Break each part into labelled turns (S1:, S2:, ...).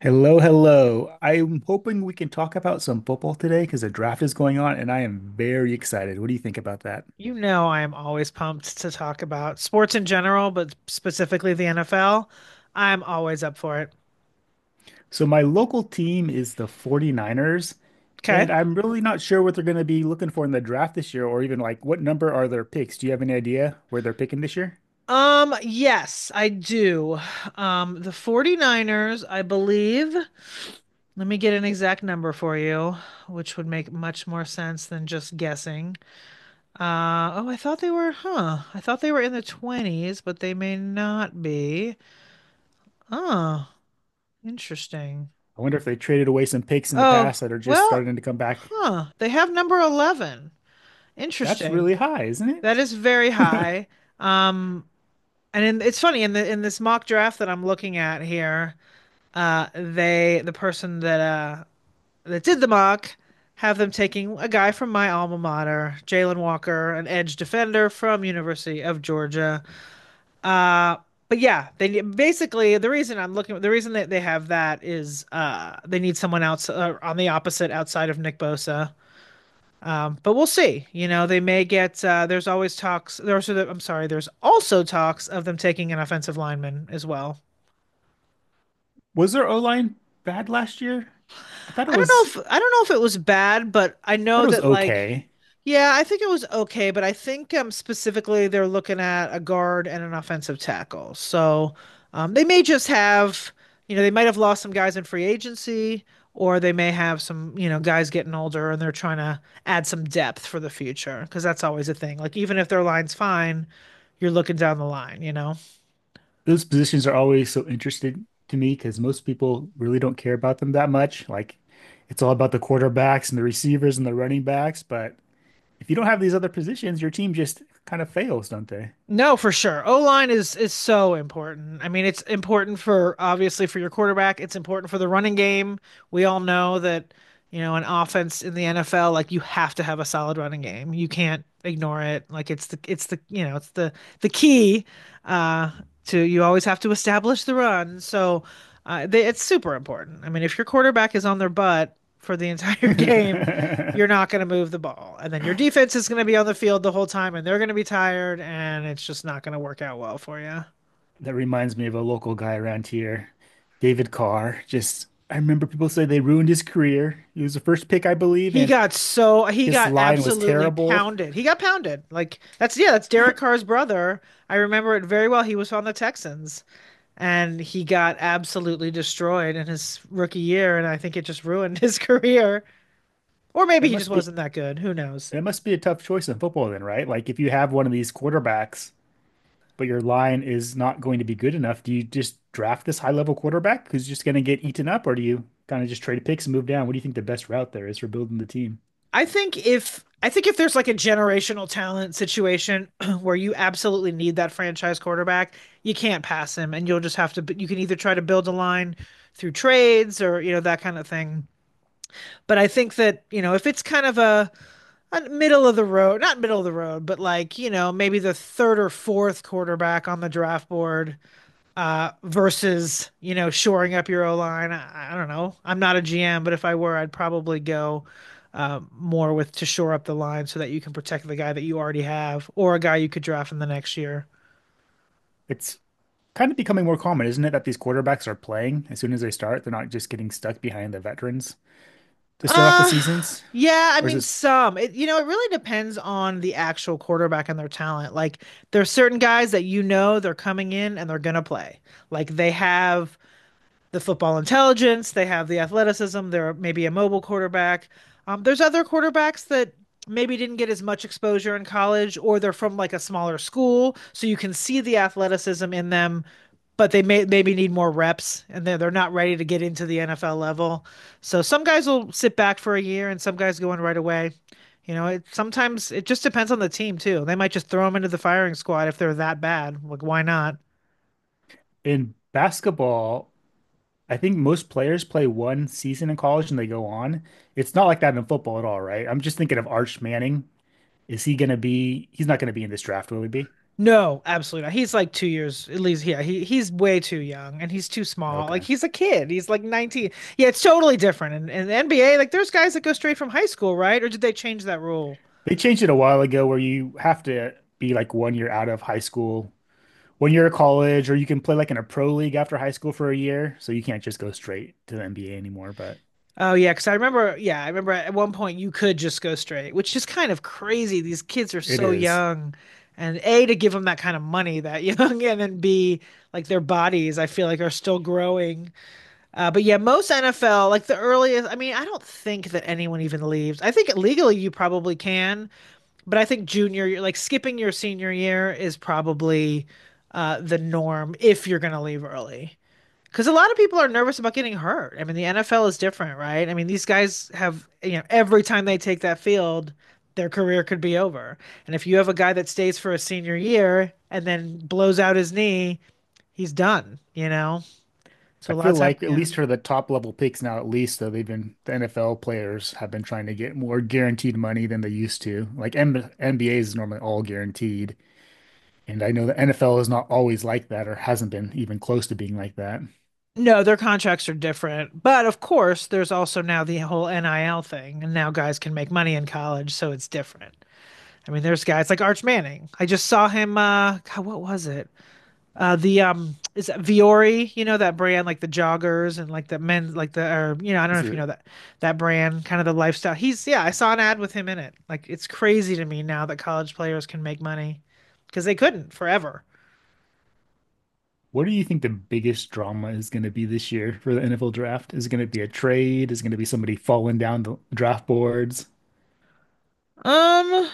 S1: Hello, hello. I'm hoping we can talk about some football today because the draft is going on and I am very excited. What do you think about that?
S2: You know, I am always pumped to talk about sports in general, but specifically the NFL. I'm always up for it.
S1: So, my local team is the 49ers,
S2: Okay.
S1: and I'm really not sure what they're going to be looking for in the draft this year or even like what number are their picks. Do you have any idea where they're picking this year?
S2: Yes, I do. The 49ers, I believe. Let me get an exact number for you, which would make much more sense than just guessing. Oh, I thought they were, huh. I thought they were in the 20s, but they may not be. Oh, interesting.
S1: I wonder if they traded away some picks in the
S2: Oh,
S1: past that are just
S2: well,
S1: starting to come back.
S2: huh. They have number 11.
S1: That's
S2: Interesting.
S1: really high, isn't
S2: That is very
S1: it?
S2: high. Um, it's funny in the in this mock draft that I'm looking at here, the person that did the mock have them taking a guy from my alma mater, Jalen Walker, an edge defender from University of Georgia. Uh, but yeah, they basically the reason that they have that is they need someone else on the opposite outside of Nick Bosa. But we'll see. You know, they may get. There's always talks. There's. I'm sorry. There's also talks of them taking an offensive lineman as well.
S1: Was their O-line bad last year? I thought it
S2: I don't
S1: was, I
S2: I don't know if it was bad, but I
S1: thought
S2: know
S1: it was
S2: that like
S1: okay.
S2: yeah, I think it was okay, but I think specifically they're looking at a guard and an offensive tackle. So they may just have, you know, they might have lost some guys in free agency, or they may have some, you know, guys getting older and they're trying to add some depth for the future because that's always a thing. Like even if their line's fine, you're looking down the line, you know?
S1: Those positions are always so interesting to me because most people really don't care about them that much. Like it's all about the quarterbacks and the receivers and the running backs. But if you don't have these other positions, your team just kind of fails, don't they?
S2: No, for sure. O-line is so important. I mean, it's important for obviously for your quarterback, it's important for the running game. We all know that, you know, an offense in the NFL, like you have to have a solid running game. You can't ignore it. Like it's the, you know, it's the key uh to you always have to establish the run. So, it's super important. I mean, if your quarterback is on their butt for the entire game, you're not going to move the ball. And then your defense is going to be on the field the whole time and they're going to be tired and it's just not going to work out well for you.
S1: That reminds me of a local guy around here, David Carr. Just I remember people say they ruined his career. He was the first pick, I believe,
S2: He
S1: and
S2: got so he
S1: his
S2: got
S1: line was
S2: absolutely
S1: terrible.
S2: pounded. He got pounded. Like that's yeah, that's Derek Carr's brother. I remember it very well. He was on the Texans and he got absolutely destroyed in his rookie year and I think it just ruined his career. Or maybe
S1: That
S2: he just
S1: must be
S2: wasn't that good. Who knows?
S1: that must be a tough choice in football then, right? Like if you have one of these quarterbacks but your line is not going to be good enough, do you just draft this high level quarterback who's just going to get eaten up, or do you kind of just trade picks and move down? What do you think the best route there is for building the team?
S2: I think if there's like a generational talent situation where you absolutely need that franchise quarterback, you can't pass him, and you'll just have to. You can either try to build a line through trades or you know that kind of thing. But I think that you know if it's kind of a middle of the road, not middle of the road, but like you know maybe the third or fourth quarterback on the draft board versus, you know, shoring up your O line. I don't know. I'm not a GM, but if I were, I'd probably go more with to shore up the line so that you can protect the guy that you already have or a guy you could draft in the next year.
S1: It's kind of becoming more common, isn't it, that these quarterbacks are playing as soon as they start? They're not just getting stuck behind the veterans to start off the
S2: Uh,
S1: seasons?
S2: yeah, I
S1: Or is
S2: mean,
S1: this
S2: some. It, you know, it really depends on the actual quarterback and their talent. Like, there are certain guys that you know they're coming in and they're gonna play. Like, they have the football intelligence, they have the athleticism, they're maybe a mobile quarterback. There's other quarterbacks that maybe didn't get as much exposure in college or they're from like a smaller school, so you can see the athleticism in them, but they may maybe need more reps and they're not ready to get into the NFL level. So some guys will sit back for a year and some guys go in right away. You know, it sometimes it just depends on the team too. They might just throw them into the firing squad if they're that bad. Like, why not?
S1: in basketball? I think most players play one season in college and they go on. It's not like that in football at all, right? I'm just thinking of Arch Manning. Is he going to be? He's not going to be in this draft, will he be?
S2: No, absolutely not. He's like 2 years at least. Yeah, he's way too young and he's too small. Like
S1: Okay.
S2: he's a kid. He's like 19. Yeah, it's totally different. And the NBA, like there's guys that go straight from high school, right? Or did they change that rule?
S1: They changed it a while ago where you have to be like one year out of high school, one year of college, or you can play like in a pro league after high school for a year. So you can't just go straight to the NBA anymore, but
S2: Oh yeah, because I remember. Yeah, I remember at one point you could just go straight, which is kind of crazy. These kids are
S1: it
S2: so
S1: is.
S2: young, and A to give them that kind of money that young, and then B like their bodies, I feel like are still growing. But yeah, most NFL, like the earliest, I mean, I don't think that anyone even leaves. I think legally you probably can, but I think junior year, like skipping your senior year is probably the norm if you're going to leave early. Because a lot of people are nervous about getting hurt. I mean, the NFL is different, right? I mean, these guys have, you know, every time they take that field, their career could be over. And if you have a guy that stays for a senior year and then blows out his knee, he's done, you know? So
S1: I
S2: a lot
S1: feel
S2: of times,
S1: like at
S2: yeah.
S1: least for the top level picks now, at least though they've been the NFL players have been trying to get more guaranteed money than they used to. Like M NBA is normally all guaranteed, and I know the NFL is not always like that or hasn't been even close to being like that.
S2: No, their contracts are different. But of course, there's also now the whole NIL thing, and now guys can make money in college, so it's different. I mean, there's guys like Arch Manning. I just saw him God, what was it? The Is it Viore, you know that brand like the joggers and like the men like the or you know, I don't know
S1: It's
S2: if you
S1: a,
S2: know that that brand, kind of the lifestyle. He's yeah, I saw an ad with him in it. Like it's crazy to me now that college players can make money because they couldn't forever.
S1: What do you think the biggest drama is going to be this year for the NFL draft? Is it going to be a trade? Is it going to be somebody falling down the draft boards?
S2: Um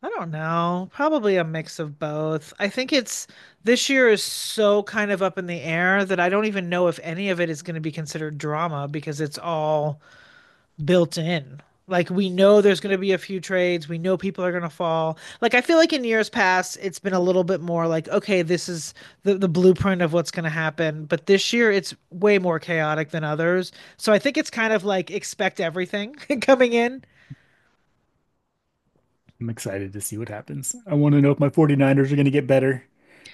S2: I don't know. Probably a mix of both. I think it's This year is so kind of up in the air that I don't even know if any of it is going to be considered drama because it's all built in. Like we know there's going to be a few trades, we know people are going to fall. Like I feel like in years past it's been a little bit more like okay, this is the blueprint of what's going to happen, but this year it's way more chaotic than others. So I think it's kind of like expect everything coming in.
S1: I'm excited to see what happens. I want to know if my 49ers are going to get better.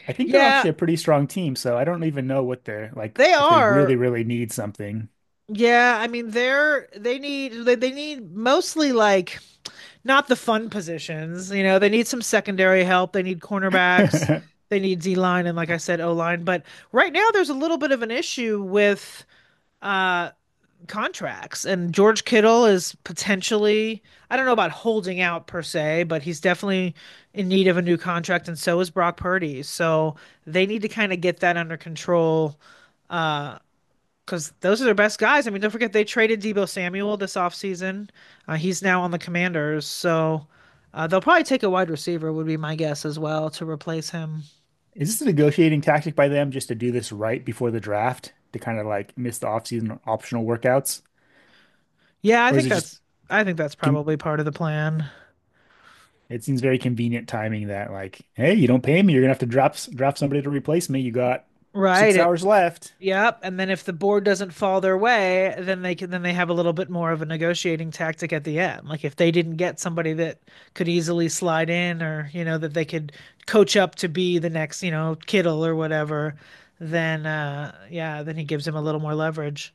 S1: I think they're
S2: Yeah,
S1: actually a pretty strong team, so I don't even know what they're like
S2: they
S1: if they really,
S2: are.
S1: really need something.
S2: Yeah, I mean they need mostly like not the fun positions, you know, they need some secondary help, they need cornerbacks,
S1: Is
S2: they need D line and like I said, O line. But right now there's a little bit of an issue with uh contracts and George Kittle is potentially I don't know about holding out per se, but he's definitely in need of a new contract and so is Brock Purdy. So they need to kind of get that under control uh because those are their best guys. I mean, don't forget they traded Debo Samuel this offseason. He's now on the Commanders, so they'll probably take a wide receiver, would be my guess as well, to replace him.
S1: this a negotiating tactic by them just to do this right before the draft to kind of like miss the offseason optional workouts?
S2: Yeah, I
S1: Or is
S2: think
S1: it just
S2: that's I think that's probably part of the plan.
S1: It seems very convenient timing that like, hey, you don't pay me, you're gonna have to drop somebody to replace me. You got
S2: Right.
S1: six
S2: It
S1: hours left.
S2: Yep, and then if the board doesn't fall their way, then they have a little bit more of a negotiating tactic at the end. Like if they didn't get somebody that could easily slide in or, you know, that they could coach up to be the next, you know, Kittle or whatever, then yeah, then he gives him a little more leverage.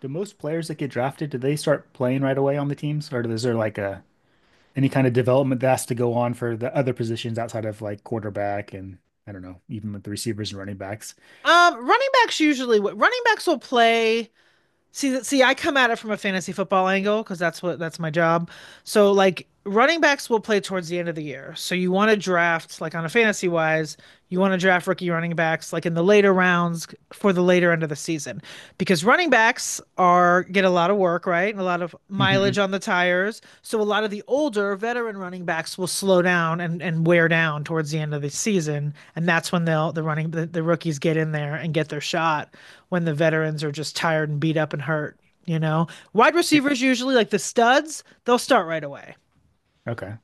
S1: Do most players that get drafted, do they start playing right away on the teams, or is there like a any kind of development that has to go on for the other positions outside of like quarterback and I don't know, even with the receivers and running backs?
S2: Running backs will play I come at it from a fantasy football angle because that's my job. So, like, running backs will play towards the end of the year. So, you want to draft, like, on a fantasy wise, you want to draft rookie running backs, like, in the later rounds for the later end of the season because running backs are get a lot of work, right? And a lot of
S1: hmm
S2: mileage on the tires. So, a lot of the older veteran running backs will slow down and wear down towards the end of the season. And that's when the rookies get in there and get their shot when the veterans are just tired and beat up and hurt, you know? Wide
S1: Yep.
S2: receivers usually like the studs, they'll start right away.
S1: Okay.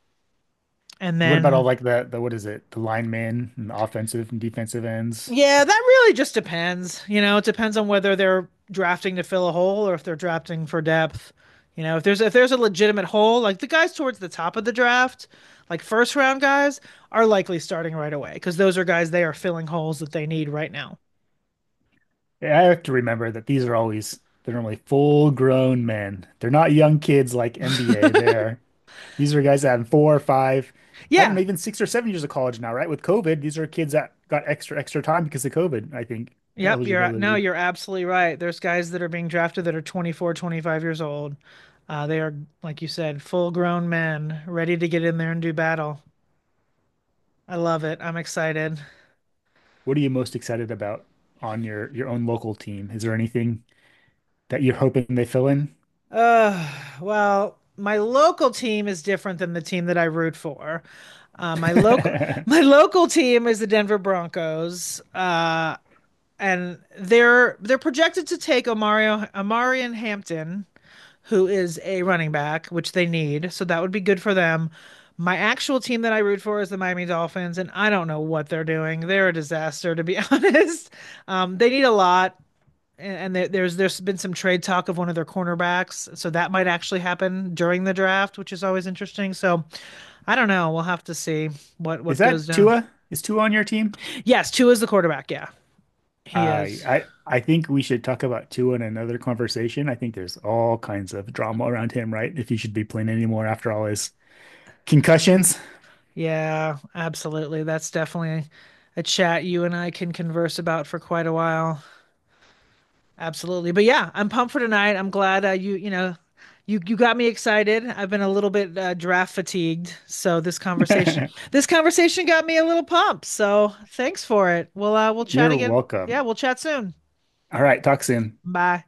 S2: And
S1: And what about all
S2: then
S1: like the what is it, the linemen and the offensive and defensive ends?
S2: yeah, that really just depends. You know, it depends on whether they're drafting to fill a hole or if they're drafting for depth. You know, if there's a legitimate hole, like the guys towards the top of the draft, like first round guys, are likely starting right away because those are guys they are filling holes that they need right now.
S1: I have to remember that these are always they're normally full grown men. They're not young kids like MBA. They're these are guys that have four or five, I don't
S2: Yeah,
S1: know, even 6 or 7 years of college now, right? With COVID, these are kids that got extra time because of COVID, I think,
S2: yep, you're no,
S1: eligibility.
S2: you're absolutely right. There's guys that are being drafted that are 24, 25 years old. Uh, they are, like you said, full grown men ready to get in there and do battle. I love it. I'm excited.
S1: What are you most excited about on your own local team? Is there anything that you're hoping they fill in?
S2: Uh, my local team is different than the team that I root for. My local My local team is the Denver Broncos. And they're projected to take Omarion Hampton who is a running back, which they need. So that would be good for them. My actual team that I root for is the Miami Dolphins, and I don't know what they're doing. They're a disaster, to be honest. They need a lot, and there's been some trade talk of one of their cornerbacks, so that might actually happen during the draft, which is always interesting. So I don't know. We'll have to see
S1: Is
S2: what goes
S1: that
S2: down.
S1: Tua? Is Tua on your team?
S2: Yes, two is the quarterback. Yeah, he
S1: I
S2: is.
S1: I I think we should talk about Tua in another conversation. I think there's all kinds of drama around him, right? If he should be playing anymore after all his concussions.
S2: Yeah, absolutely. That's definitely a chat you and I can converse about for quite a while. Absolutely. But yeah, I'm pumped for tonight. I'm glad you, you know, you got me excited. I've been a little bit draft fatigued, so this conversation got me a little pumped. So, thanks for it. We'll chat
S1: You're
S2: again. Yeah,
S1: welcome.
S2: we'll chat soon.
S1: All right, talk soon.
S2: Bye.